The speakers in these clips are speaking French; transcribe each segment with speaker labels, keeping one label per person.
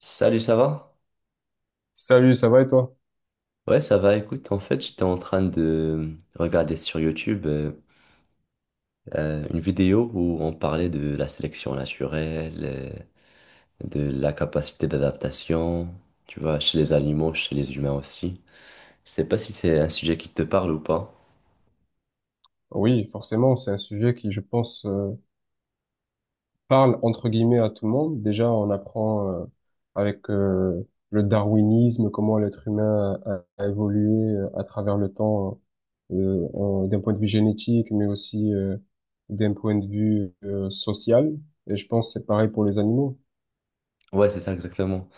Speaker 1: Salut, ça va?
Speaker 2: Salut, ça va et toi?
Speaker 1: Ouais, ça va. Écoute, en fait, j'étais en train de regarder sur YouTube une vidéo où on parlait de la sélection naturelle, de la capacité d'adaptation, tu vois, chez les animaux, chez les humains aussi. Je sais pas si c'est un sujet qui te parle ou pas.
Speaker 2: Oui, forcément, c'est un sujet qui, je pense, parle entre guillemets à tout le monde. Déjà, on apprend avec le darwinisme comment l'être humain a évolué à travers le temps, d'un point de vue génétique, mais aussi d'un point de vue social. Et je pense que c'est pareil pour les animaux.
Speaker 1: Ouais, c'est ça exactement.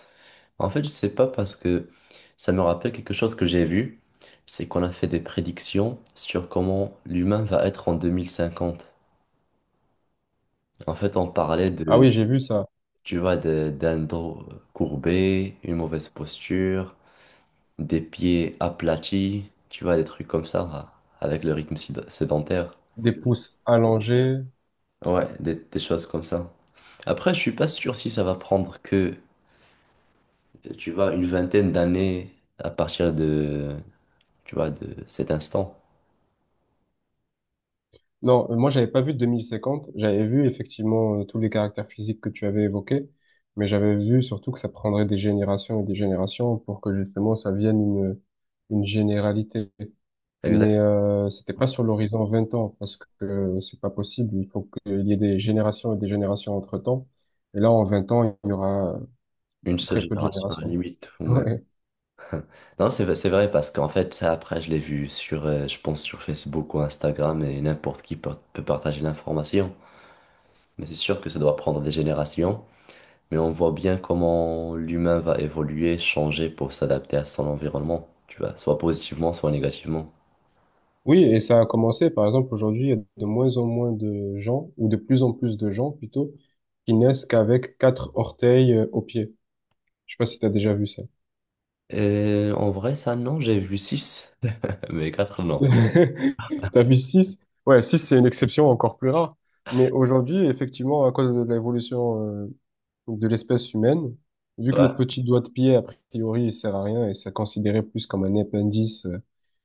Speaker 1: En fait, je sais pas parce que ça me rappelle quelque chose que j'ai vu, c'est qu'on a fait des prédictions sur comment l'humain va être en 2050. En fait, on parlait
Speaker 2: Ah
Speaker 1: de.
Speaker 2: oui, j'ai vu ça.
Speaker 1: Tu vois, d'un dos courbé, une mauvaise posture, des pieds aplatis, tu vois, des trucs comme ça, avec le rythme sédentaire.
Speaker 2: Des pouces allongés.
Speaker 1: Ouais, des choses comme ça. Après, je suis pas sûr si ça va prendre que, tu vois, une vingtaine d'années à partir de, tu vois, de cet instant.
Speaker 2: Non, moi, j'avais pas vu 2050. J'avais vu effectivement tous les caractères physiques que tu avais évoqués, mais j'avais vu surtout que ça prendrait des générations et des générations pour que justement ça vienne une généralité.
Speaker 1: Exact.
Speaker 2: Mais c'était pas sur l'horizon 20 ans parce que c'est pas possible. Il faut qu'il y ait des générations et des générations entre-temps. Et là, en 20 ans, il y aura
Speaker 1: Une seule
Speaker 2: très peu de
Speaker 1: génération à la
Speaker 2: générations.
Speaker 1: limite, ou même-
Speaker 2: Ouais.
Speaker 1: Non, c'est vrai, parce qu'en fait, ça, après, je l'ai vu sur, je pense, sur Facebook ou Instagram, et n'importe qui peut partager l'information. Mais c'est sûr que ça doit prendre des générations, mais on voit bien comment l'humain va évoluer, changer pour s'adapter à son environnement, tu vois, soit positivement, soit négativement.
Speaker 2: Oui, et ça a commencé, par exemple, aujourd'hui, il y a de moins en moins de gens, ou de plus en plus de gens plutôt, qui naissent qu'avec quatre orteils au pied. Je sais pas si t'as déjà vu ça.
Speaker 1: Et en vrai, ça, non, j'ai vu 6 mais 4 non.
Speaker 2: T'as vu six? Ouais, six, c'est une exception encore plus rare. Mais aujourd'hui, effectivement, à cause de l'évolution de l'espèce humaine, vu que
Speaker 1: Ouais.
Speaker 2: le petit doigt de pied, a priori, il sert à rien et c'est considéré plus comme un appendice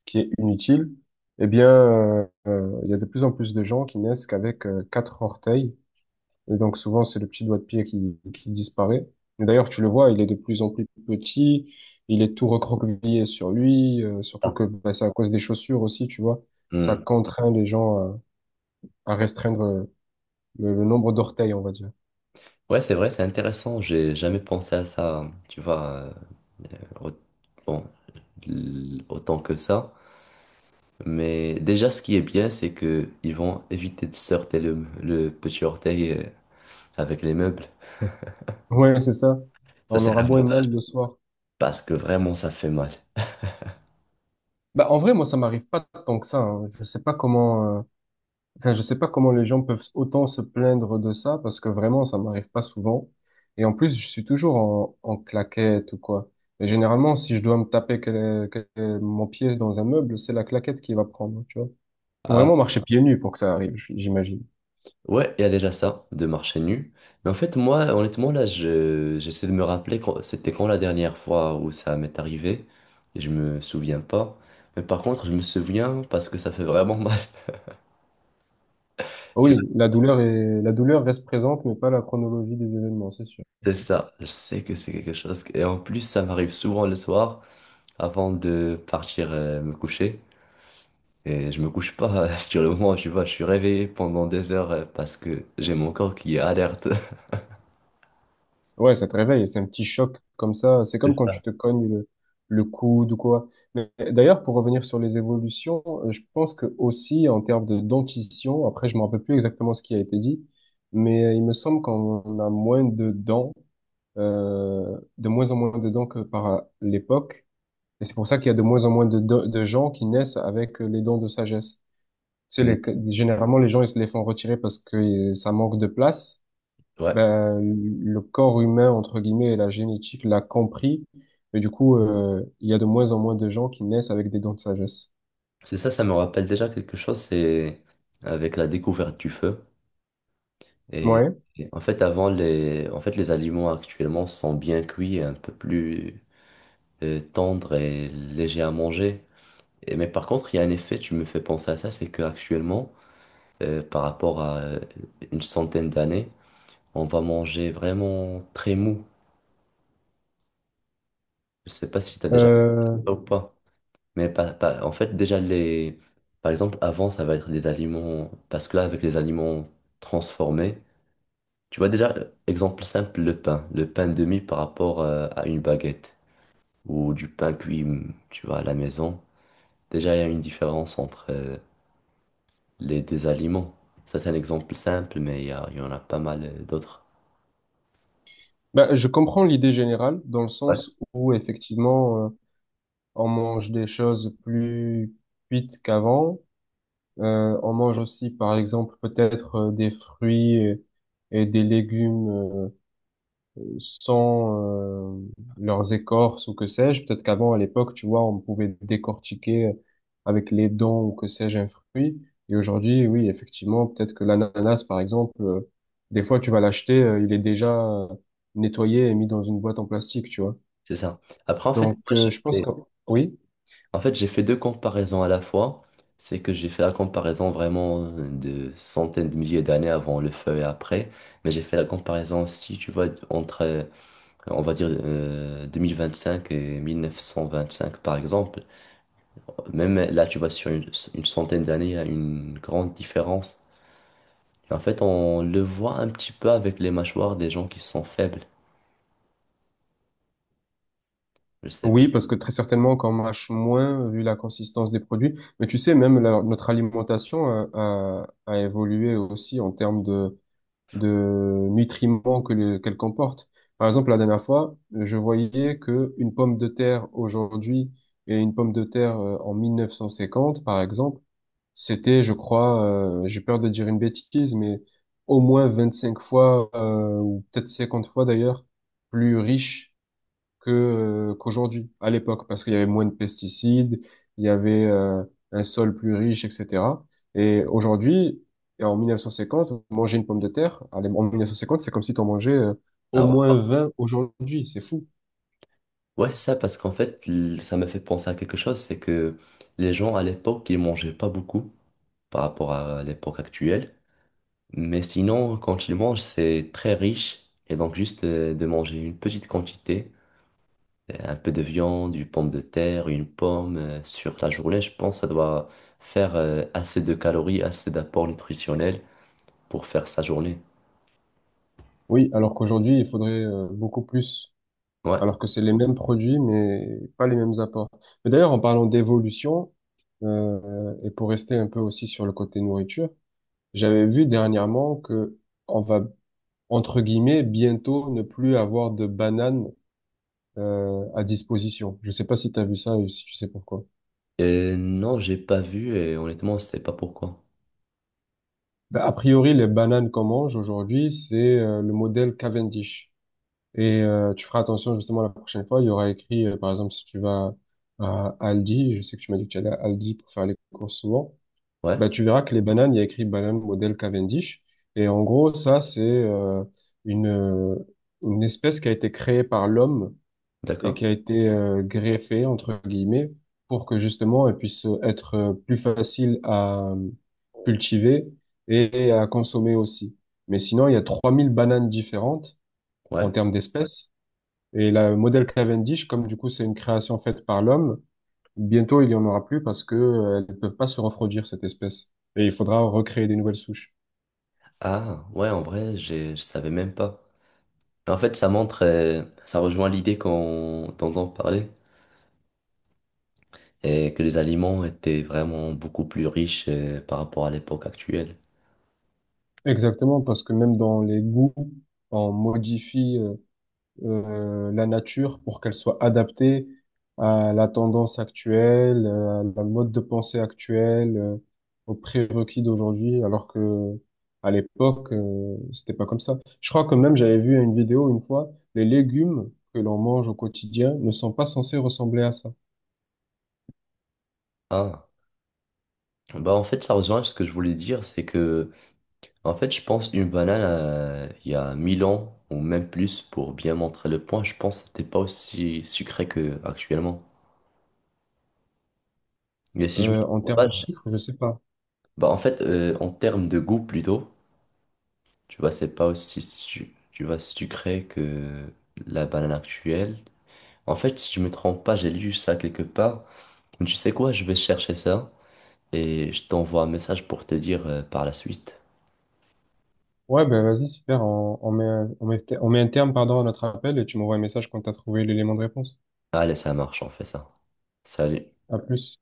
Speaker 2: qui est inutile, eh bien, il y a de plus en plus de gens qui naissent qu'avec quatre orteils. Et donc souvent, c'est le petit doigt de pied qui disparaît. Et d'ailleurs, tu le vois, il est de plus en plus petit, il est tout recroquevillé sur lui, surtout
Speaker 1: Ah.
Speaker 2: que bah, c'est à cause des chaussures aussi, tu vois. Ça
Speaker 1: Hmm.
Speaker 2: contraint les gens à restreindre le nombre d'orteils, on va dire.
Speaker 1: Ouais, c'est vrai, c'est intéressant, j'ai jamais pensé à ça, tu vois, au- bon, autant que ça. Mais déjà, ce qui est bien, c'est que ils vont éviter de se heurter le petit orteil avec les meubles.
Speaker 2: Ouais, c'est ça.
Speaker 1: Ça,
Speaker 2: On
Speaker 1: c'est
Speaker 2: aura beau et mal
Speaker 1: l'avantage.
Speaker 2: le soir.
Speaker 1: Parce que vraiment ça fait mal.
Speaker 2: Bah, en vrai, moi, ça m'arrive pas tant que ça, hein. Je sais pas comment, enfin, je sais pas comment les gens peuvent autant se plaindre de ça parce que vraiment, ça m'arrive pas souvent. Et en plus, je suis toujours en, en claquette ou quoi. Et généralement, si je dois me taper mon pied dans un meuble, c'est la claquette qui va prendre, tu vois. Faut
Speaker 1: Ah,
Speaker 2: vraiment marcher pieds nus pour que ça arrive, j'imagine.
Speaker 1: ouais, il y a déjà ça, de marcher nu. Mais en fait, moi, honnêtement, là, j'essaie de me rappeler quand, c'était quand la dernière fois où ça m'est arrivé. Et je me souviens pas. Mais par contre, je me souviens parce que ça fait vraiment mal. Tu
Speaker 2: Oui, la douleur est, la douleur reste présente, mais pas la chronologie des événements, c'est sûr.
Speaker 1: vois, c'est ça. Je sais que c'est quelque chose. Et en plus, ça m'arrive souvent le soir avant de partir me coucher. Et je me couche pas sur le moment, tu vois, je suis réveillé pendant des heures parce que j'ai mon corps qui est alerte.
Speaker 2: Ouais, ça te réveille, et c'est un petit choc comme ça. C'est
Speaker 1: C'est
Speaker 2: comme quand
Speaker 1: ça.
Speaker 2: tu te cognes le coude ou quoi. Mais d'ailleurs, pour revenir sur les évolutions, je pense que aussi en termes de dentition, après, je me rappelle plus exactement ce qui a été dit, mais il me semble qu'on a moins de dents, de moins en moins de dents que par l'époque. Et c'est pour ça qu'il y a de moins en moins de gens qui naissent avec les dents de sagesse. C'est
Speaker 1: Mm.
Speaker 2: les, généralement, les gens, ils se les font retirer parce que ça manque de place,
Speaker 1: Ouais.
Speaker 2: ben, le corps humain, entre guillemets, et la génétique l'a compris. Et du coup, il y a de moins en moins de gens qui naissent avec des dents de sagesse.
Speaker 1: C'est ça, ça me rappelle déjà quelque chose, c'est avec la découverte du feu. Et,
Speaker 2: Ouais.
Speaker 1: et en fait, en fait, les aliments actuellement sont bien cuits et un peu plus tendres et légers à manger. Et, mais par contre, il y a un effet, tu me fais penser à ça, c'est qu'actuellement, par rapport à une centaine d'années, on va manger vraiment très mou. Je sais pas si tu as déjà fait
Speaker 2: Euh,
Speaker 1: ça ou pas. Mais en fait, déjà, les, par exemple, avant, ça va être des aliments, parce que là, avec les aliments transformés. Tu vois déjà, exemple simple, le pain. Le pain demi par rapport à une baguette ou du pain cuit, tu vois, à la maison. Déjà, il y a une différence entre les deux aliments. Ça, c'est un exemple simple, mais il y en a pas mal d'autres.
Speaker 2: ben, je comprends l'idée générale, dans le
Speaker 1: Ouais.
Speaker 2: sens où, effectivement, on mange des choses plus cuites qu'avant. On mange aussi, par exemple, peut-être des fruits et des légumes sans leurs écorces ou que sais-je. Peut-être qu'avant, à l'époque, tu vois, on pouvait décortiquer avec les dents ou que sais-je un fruit. Et aujourd'hui, oui, effectivement, peut-être que l'ananas, par exemple, des fois, tu vas l'acheter, il est déjà nettoyé et mis dans une boîte en plastique, tu vois.
Speaker 1: C'est ça. Après, en fait,
Speaker 2: Donc, je pense que oui.
Speaker 1: en fait, j'ai fait deux comparaisons à la fois. C'est que j'ai fait la comparaison vraiment de centaines de milliers d'années avant le feu et après. Mais j'ai fait la comparaison aussi, tu vois, entre on va dire 2025 et 1925 par exemple, même là tu vois sur une centaine d'années, il y a une grande différence. Et en fait, on le voit un petit peu avec les mâchoires des gens qui sont faibles. Je sais pas.
Speaker 2: Oui, parce que très certainement qu'on mâche moins vu la consistance des produits. Mais tu sais, même notre alimentation a évolué aussi en termes de nutriments que qu'elle comporte. Par exemple, la dernière fois, je voyais que une pomme de terre aujourd'hui et une pomme de terre en 1950, par exemple, c'était, je crois, j'ai peur de dire une bêtise, mais au moins 25 fois, ou peut-être 50 fois d'ailleurs, plus riche que qu'aujourd'hui, à l'époque, parce qu'il y avait moins de pesticides, il y avait un sol plus riche, etc. Et aujourd'hui, et en 1950, manger une pomme de terre, en 1950, c'est comme si tu en mangeais au
Speaker 1: Alors,
Speaker 2: moins 20 aujourd'hui, c'est fou.
Speaker 1: ouais, c'est ça parce qu'en fait, ça m'a fait penser à quelque chose, c'est que les gens à l'époque, ils mangeaient pas beaucoup par rapport à l'époque actuelle. Mais sinon, quand ils mangent, c'est très riche. Et donc, juste de manger une petite quantité. Un peu de viande, une pomme de terre, une pomme sur la journée, je pense que ça doit faire assez de calories, assez d'apports nutritionnels pour faire sa journée.
Speaker 2: Oui, alors qu'aujourd'hui, il faudrait beaucoup plus,
Speaker 1: Ouais.
Speaker 2: alors que c'est les mêmes produits, mais pas les mêmes apports. Mais d'ailleurs, en parlant d'évolution, et pour rester un peu aussi sur le côté nourriture, j'avais vu dernièrement que on va entre guillemets, bientôt ne plus avoir de bananes à disposition. Je sais pas si tu as vu ça et si tu sais pourquoi.
Speaker 1: Non, j'ai pas vu et honnêtement, je sais pas pourquoi.
Speaker 2: Ben, a priori, les bananes qu'on mange aujourd'hui, c'est le modèle Cavendish. Et tu feras attention justement la prochaine fois, il y aura écrit, par exemple, si tu vas à Aldi, je sais que tu m'as dit que tu allais à Aldi pour faire les courses souvent.
Speaker 1: Ouais,
Speaker 2: Bah, tu verras que les bananes, il y a écrit banane modèle Cavendish. Et en gros, ça, c'est une, euh, une espèce qui a été créée par l'homme et
Speaker 1: d'accord.
Speaker 2: qui a été greffé, entre guillemets, pour que justement elle puisse être plus facile à cultiver et à consommer aussi. Mais sinon, il y a 3000 bananes différentes en
Speaker 1: Ouais.
Speaker 2: termes d'espèces. Et le modèle Cavendish, comme du coup c'est une création faite par l'homme, bientôt il n'y en aura plus parce que elles ne peuvent pas se refroidir, cette espèce. Et il faudra recréer des nouvelles souches.
Speaker 1: Ah, ouais, en vrai, je savais même pas. En fait, ça montre, ça rejoint l'idée qu'on t'entend parler et que les aliments étaient vraiment beaucoup plus riches par rapport à l'époque actuelle.
Speaker 2: Exactement, parce que même dans les goûts, on modifie la nature pour qu'elle soit adaptée à la tendance actuelle, à la mode de pensée actuelle, aux prérequis d'aujourd'hui, alors que à l'époque, c'était pas comme ça. Je crois quand même, j'avais vu une vidéo une fois, les légumes que l'on mange au quotidien ne sont pas censés ressembler à ça.
Speaker 1: Ah, bah en fait, ça rejoint ce que je voulais dire, c'est que en fait, je pense une banane il y a 1000 ans ou même plus pour bien montrer le point, je pense que c'était pas aussi sucré que actuellement. Mais si je me
Speaker 2: En
Speaker 1: trompe
Speaker 2: termes
Speaker 1: pas,
Speaker 2: de
Speaker 1: je-
Speaker 2: sucre, je sais pas.
Speaker 1: bah en fait en termes de goût plutôt, tu vois, c'est pas aussi tu vois sucré que la banane actuelle. En fait, si je me trompe pas, j'ai lu ça quelque part. Mais tu sais quoi, je vais chercher ça et je t'envoie un message pour te dire par la suite.
Speaker 2: Ouais, ben vas-y, super, on met, on met, on met un terme, pardon, à notre appel et tu m'envoies un message quand t'as trouvé l'élément de réponse.
Speaker 1: Allez, ça marche, on fait ça. Salut.
Speaker 2: À plus.